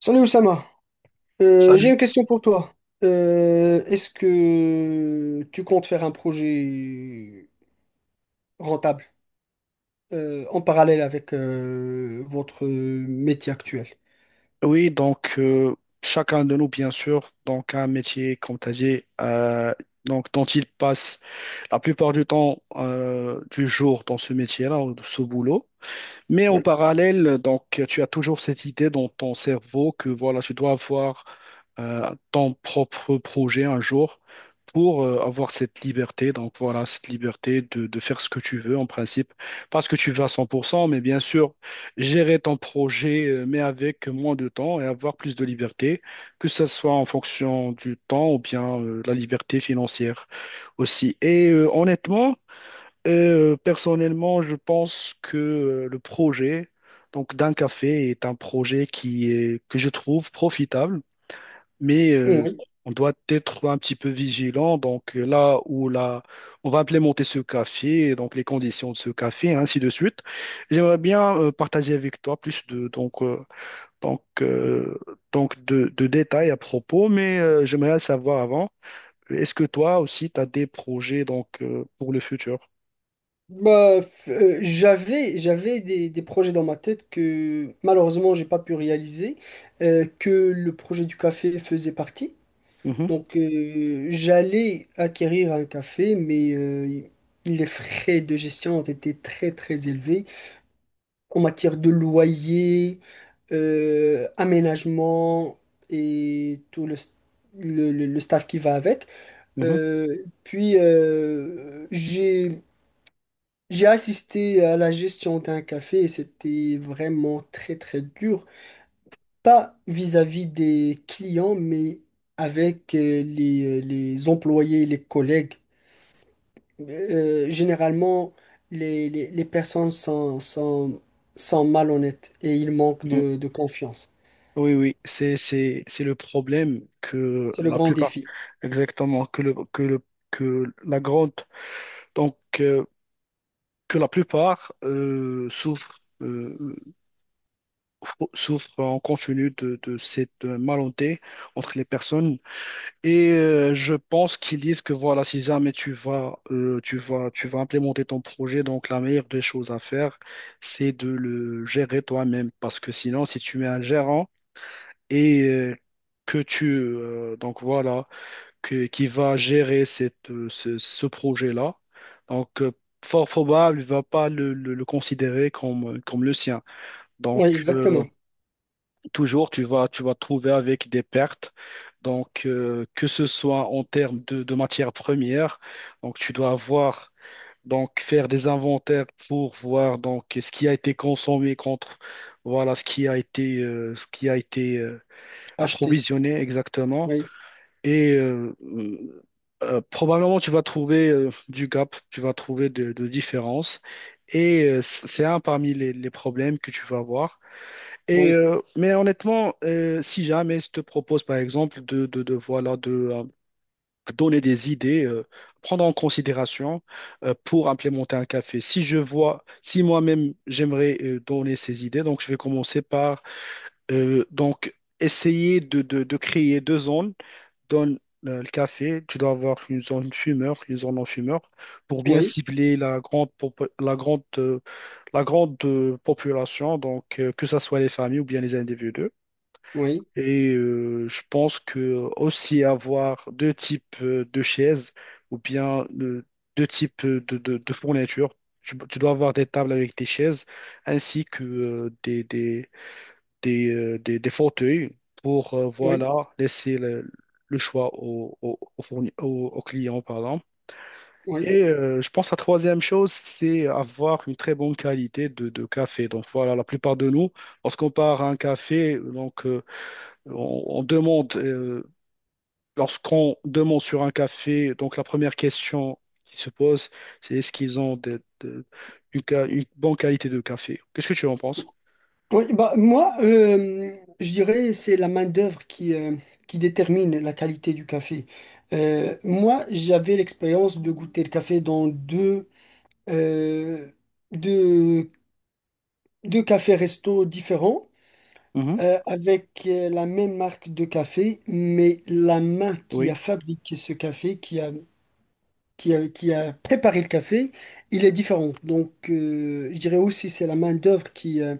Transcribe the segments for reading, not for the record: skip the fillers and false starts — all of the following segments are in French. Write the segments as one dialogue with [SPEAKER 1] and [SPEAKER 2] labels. [SPEAKER 1] Salut Oussama. J'ai une
[SPEAKER 2] Salut.
[SPEAKER 1] question pour toi. Est-ce que tu comptes faire un projet rentable en parallèle avec votre métier actuel?
[SPEAKER 2] Oui, donc, chacun de nous, bien sûr, donc a un métier, comme tu as dit, donc, dont il passe la plupart du temps, du jour dans ce métier-là, ou de ce boulot. Mais en
[SPEAKER 1] Oui.
[SPEAKER 2] parallèle, donc, tu as toujours cette idée dans ton cerveau que voilà, tu dois avoir ton propre projet un jour pour avoir cette liberté. Donc voilà, cette liberté de faire ce que tu veux en principe, pas ce que tu veux à 100%, mais bien sûr, gérer ton projet, mais avec moins de temps et avoir plus de liberté, que ce soit en fonction du temps ou bien la liberté financière aussi. Et honnêtement, personnellement, je pense que le projet donc d'un café est un projet qui est, que je trouve profitable, mais
[SPEAKER 1] Oui.
[SPEAKER 2] on doit être un petit peu vigilant. Donc là où là, on va implémenter ce café, donc les conditions de ce café, ainsi de suite. J'aimerais bien partager avec toi plus de donc donc euh, donc de détails à propos, mais j'aimerais savoir avant, est-ce que toi aussi tu as des projets donc pour le futur?
[SPEAKER 1] J'avais des projets dans ma tête que malheureusement j'ai pas pu réaliser, que le projet du café faisait partie.
[SPEAKER 2] Mhm,
[SPEAKER 1] J'allais acquérir un café, mais les frais de gestion ont été très très élevés. En matière de loyer, aménagement et tout le staff qui va avec.
[SPEAKER 2] mhm.
[SPEAKER 1] Euh, puis, euh, j'ai, j'ai assisté à la gestion d'un café et c'était vraiment très, très dur. Pas vis-à-vis des clients, mais avec les employés et les collègues. Généralement, les personnes sont malhonnêtes et ils manquent de confiance.
[SPEAKER 2] Oui, oui, c'est le problème que
[SPEAKER 1] C'est le
[SPEAKER 2] la
[SPEAKER 1] grand
[SPEAKER 2] plupart,
[SPEAKER 1] défi.
[SPEAKER 2] exactement, que le, que le, que la grande, donc, que la plupart souffrent, souffrent en continu de cette malentente entre les personnes. Et je pense qu'ils disent que voilà, si jamais tu vas implémenter ton projet, donc la meilleure des choses à faire, c'est de le gérer toi-même. Parce que sinon, si tu mets un gérant, et que tu donc voilà que, qui va gérer cette, ce projet-là. Donc fort probable, il va pas le considérer comme, comme le sien. Donc
[SPEAKER 1] Oui, exactement.
[SPEAKER 2] toujours tu vas te trouver avec des pertes. Donc que ce soit en termes de matières premières, donc tu dois avoir donc faire des inventaires pour voir donc ce qui a été consommé contre voilà ce qui a été
[SPEAKER 1] Acheter.
[SPEAKER 2] approvisionner exactement.
[SPEAKER 1] Oui,
[SPEAKER 2] Et probablement, tu vas trouver du gap, tu vas trouver de différences. Et c'est un parmi les problèmes que tu vas avoir. Et,
[SPEAKER 1] oui,
[SPEAKER 2] mais honnêtement, si jamais je te propose, par exemple, voilà, de donner des idées, prendre en considération pour implémenter un café. Si je vois, si moi-même, j'aimerais donner ces idées, donc je vais commencer par donc, essayer de créer deux zones donnes le café, tu dois avoir une zone fumeur, une zone non-fumeur, pour bien
[SPEAKER 1] oui,
[SPEAKER 2] cibler la grande population, donc que ce soit les familles ou bien les individus.
[SPEAKER 1] oui,
[SPEAKER 2] Et je pense que aussi avoir deux types de chaises ou bien deux types de fournitures. Tu dois avoir des tables avec des chaises ainsi que des fauteuils pour
[SPEAKER 1] oui,
[SPEAKER 2] voilà, laisser le choix au client, pardon.
[SPEAKER 1] oui.
[SPEAKER 2] Et je pense la troisième chose, c'est avoir une très bonne qualité de café. Donc voilà, la plupart de nous, lorsqu'on part à un café, donc on demande, lorsqu'on demande sur un café, donc la première question qui se pose, c'est est-ce qu'ils ont une bonne qualité de café? Qu'est-ce que tu en penses?
[SPEAKER 1] Oui, bah, moi, euh, je dirais c'est la main-d'œuvre qui détermine la qualité du café. Moi, j'avais l'expérience de goûter le café dans euh, deux, deux cafés restos différents.
[SPEAKER 2] Mhm.
[SPEAKER 1] Avec la même marque de café, mais la main qui a
[SPEAKER 2] Oui,
[SPEAKER 1] fabriqué ce café, qui a préparé le café, il est différent. Je dirais aussi c'est la main-d'œuvre qui, euh,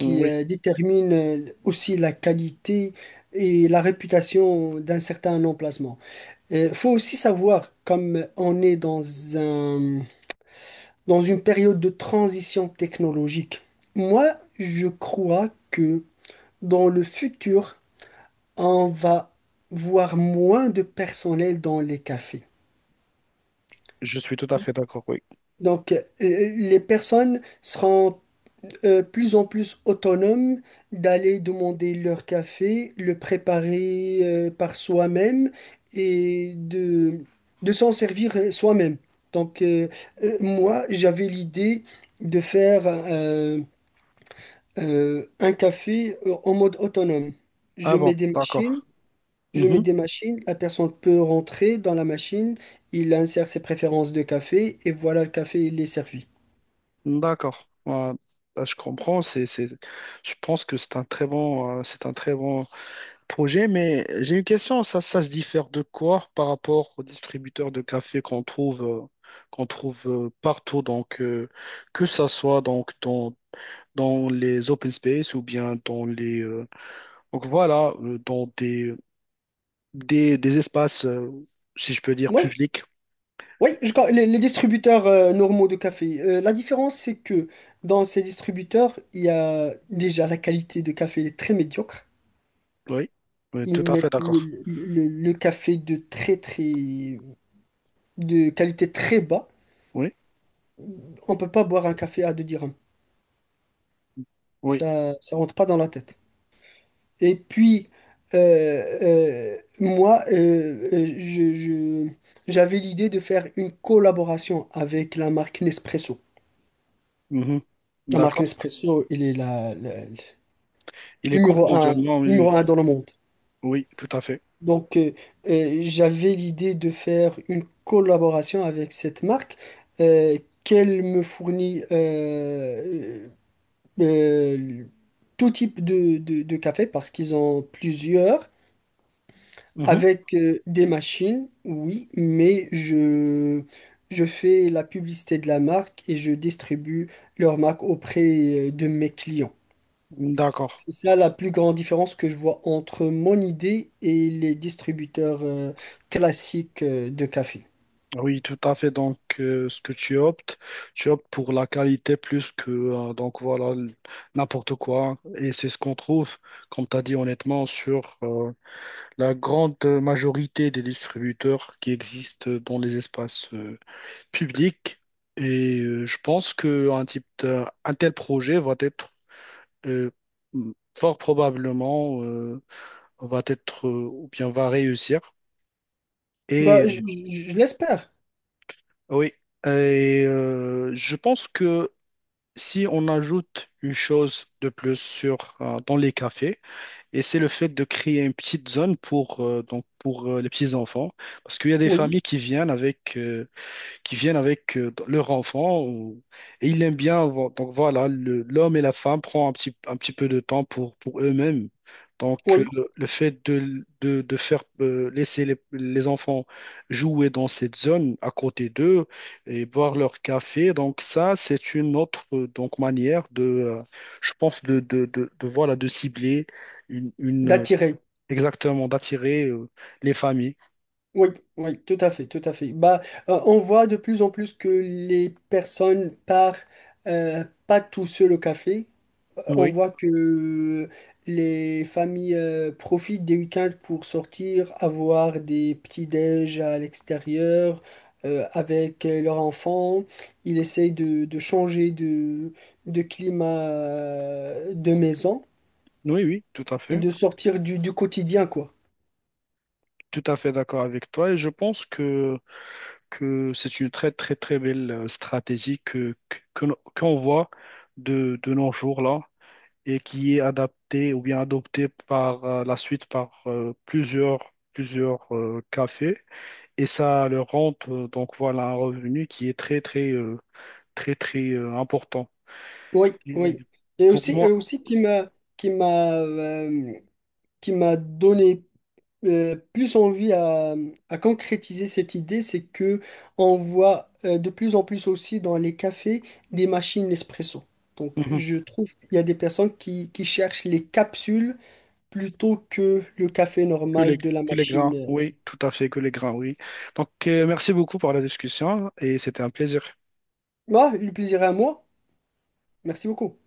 [SPEAKER 2] mmh, oui,
[SPEAKER 1] euh, détermine aussi la qualité et la réputation d'un certain emplacement. Il faut aussi savoir, comme on est dans un, dans une période de transition technologique, moi, je crois que dans le futur, on va voir moins de personnel dans les cafés.
[SPEAKER 2] je suis tout à fait d'accord. Oui.
[SPEAKER 1] Les personnes seront plus en plus autonomes d'aller demander leur café, le préparer par soi-même et de s'en servir soi-même. Donc, euh, Moi, j'avais l'idée de faire un café en mode autonome.
[SPEAKER 2] Ah
[SPEAKER 1] Je
[SPEAKER 2] bon,
[SPEAKER 1] mets des machines.
[SPEAKER 2] d'accord.
[SPEAKER 1] Je mets
[SPEAKER 2] Mhm.
[SPEAKER 1] des machines, la personne peut rentrer dans la machine, il insère ses préférences de café et voilà, le café, il est servi.
[SPEAKER 2] D'accord. Voilà. Là, je comprends. Je pense que c'est un très bon projet, mais j'ai une question. Ça se diffère de quoi par rapport aux distributeurs de café qu'on trouve partout. Donc, que ça soit donc dans les open space ou bien donc voilà, dans des espaces, si je peux dire,
[SPEAKER 1] Oui,
[SPEAKER 2] publics.
[SPEAKER 1] oui. Les distributeurs normaux de café. La différence, c'est que dans ces distributeurs, il y a déjà la qualité de café, elle est très médiocre.
[SPEAKER 2] Oui, oui,
[SPEAKER 1] Ils
[SPEAKER 2] tout à fait
[SPEAKER 1] mettent
[SPEAKER 2] d'accord.
[SPEAKER 1] le café de très très de qualité très bas.
[SPEAKER 2] Oui,
[SPEAKER 1] On peut pas boire un café à 2 dirhams.
[SPEAKER 2] oui.
[SPEAKER 1] Ça rentre pas dans la tête. Et puis, euh, moi, je- J'avais l'idée de faire une collaboration avec la marque Nespresso.
[SPEAKER 2] Mhm.
[SPEAKER 1] La marque
[SPEAKER 2] D'accord.
[SPEAKER 1] Nespresso, il est le
[SPEAKER 2] Il est connu mondialement, oui,
[SPEAKER 1] numéro un dans le monde.
[SPEAKER 2] oui, tout à fait.
[SPEAKER 1] Donc, euh, J'avais l'idée de faire une collaboration avec cette marque euh, qu'elle me fournit euh, tout type de café parce qu'ils ont plusieurs.
[SPEAKER 2] Mhm.
[SPEAKER 1] Avec des machines, oui, mais je fais la publicité de la marque et je distribue leur marque auprès de mes clients.
[SPEAKER 2] D'accord.
[SPEAKER 1] C'est ça la plus grande différence que je vois entre mon idée et les distributeurs classiques de café.
[SPEAKER 2] Oui, tout à fait. Donc, ce que tu optes pour la qualité plus que, donc voilà, n'importe quoi. Et c'est ce qu'on trouve, comme tu as dit honnêtement, sur la grande majorité des distributeurs qui existent dans les espaces publics. Et je pense qu'un un tel projet va être euh, fort probablement. Ou bien on va réussir. Et
[SPEAKER 1] Je l'espère,
[SPEAKER 2] oui, et, je pense que si on ajoute une chose de plus sur, dans les cafés, et c'est le fait de créer une petite zone pour, donc pour les petits enfants, parce qu'il y a des
[SPEAKER 1] oui,
[SPEAKER 2] familles qui viennent avec leur enfant et ils l'aiment bien. Donc voilà, l'homme et la femme prend un petit peu de temps pour eux-mêmes. Donc
[SPEAKER 1] oui,
[SPEAKER 2] le fait de faire laisser les enfants jouer dans cette zone à côté d'eux et boire leur café, donc ça c'est une autre donc manière de, je pense voilà de cibler une, une, euh,
[SPEAKER 1] d'attirer.
[SPEAKER 2] exactement d'attirer les familles.
[SPEAKER 1] Oui, oui, tout à fait, tout à fait. On voit de plus en plus que les personnes partent pas tout seul au café. On
[SPEAKER 2] Oui,
[SPEAKER 1] voit que les familles profitent des week-ends pour sortir, avoir des petits-déj à l'extérieur avec leurs enfants. Ils essayent de changer de climat de maison
[SPEAKER 2] oui, oui, tout à
[SPEAKER 1] et
[SPEAKER 2] fait.
[SPEAKER 1] de sortir du quotidien, quoi.
[SPEAKER 2] Tout à fait d'accord avec toi et je pense que c'est une très très très belle stratégie que no- qu'on voit de nos jours là et qui est adaptée ou bien adoptée par la suite par plusieurs cafés et ça leur rend donc voilà un revenu qui est très très très très important.
[SPEAKER 1] Oui,
[SPEAKER 2] Et
[SPEAKER 1] oui. Et
[SPEAKER 2] pour
[SPEAKER 1] aussi,
[SPEAKER 2] moi,
[SPEAKER 1] qui m'a euh, qui m'a donné plus envie à concrétiser cette idée, c'est que on voit de plus en plus aussi dans les cafés des machines espresso. Donc
[SPEAKER 2] mhm,
[SPEAKER 1] je trouve qu'il y a des personnes qui cherchent les capsules plutôt que le café normal de la
[SPEAKER 2] que les grains,
[SPEAKER 1] machine.
[SPEAKER 2] oui, tout à fait, que les grains, oui. Donc merci beaucoup pour la discussion et c'était un plaisir.
[SPEAKER 1] Moi, le plaisir est à moi. Merci beaucoup.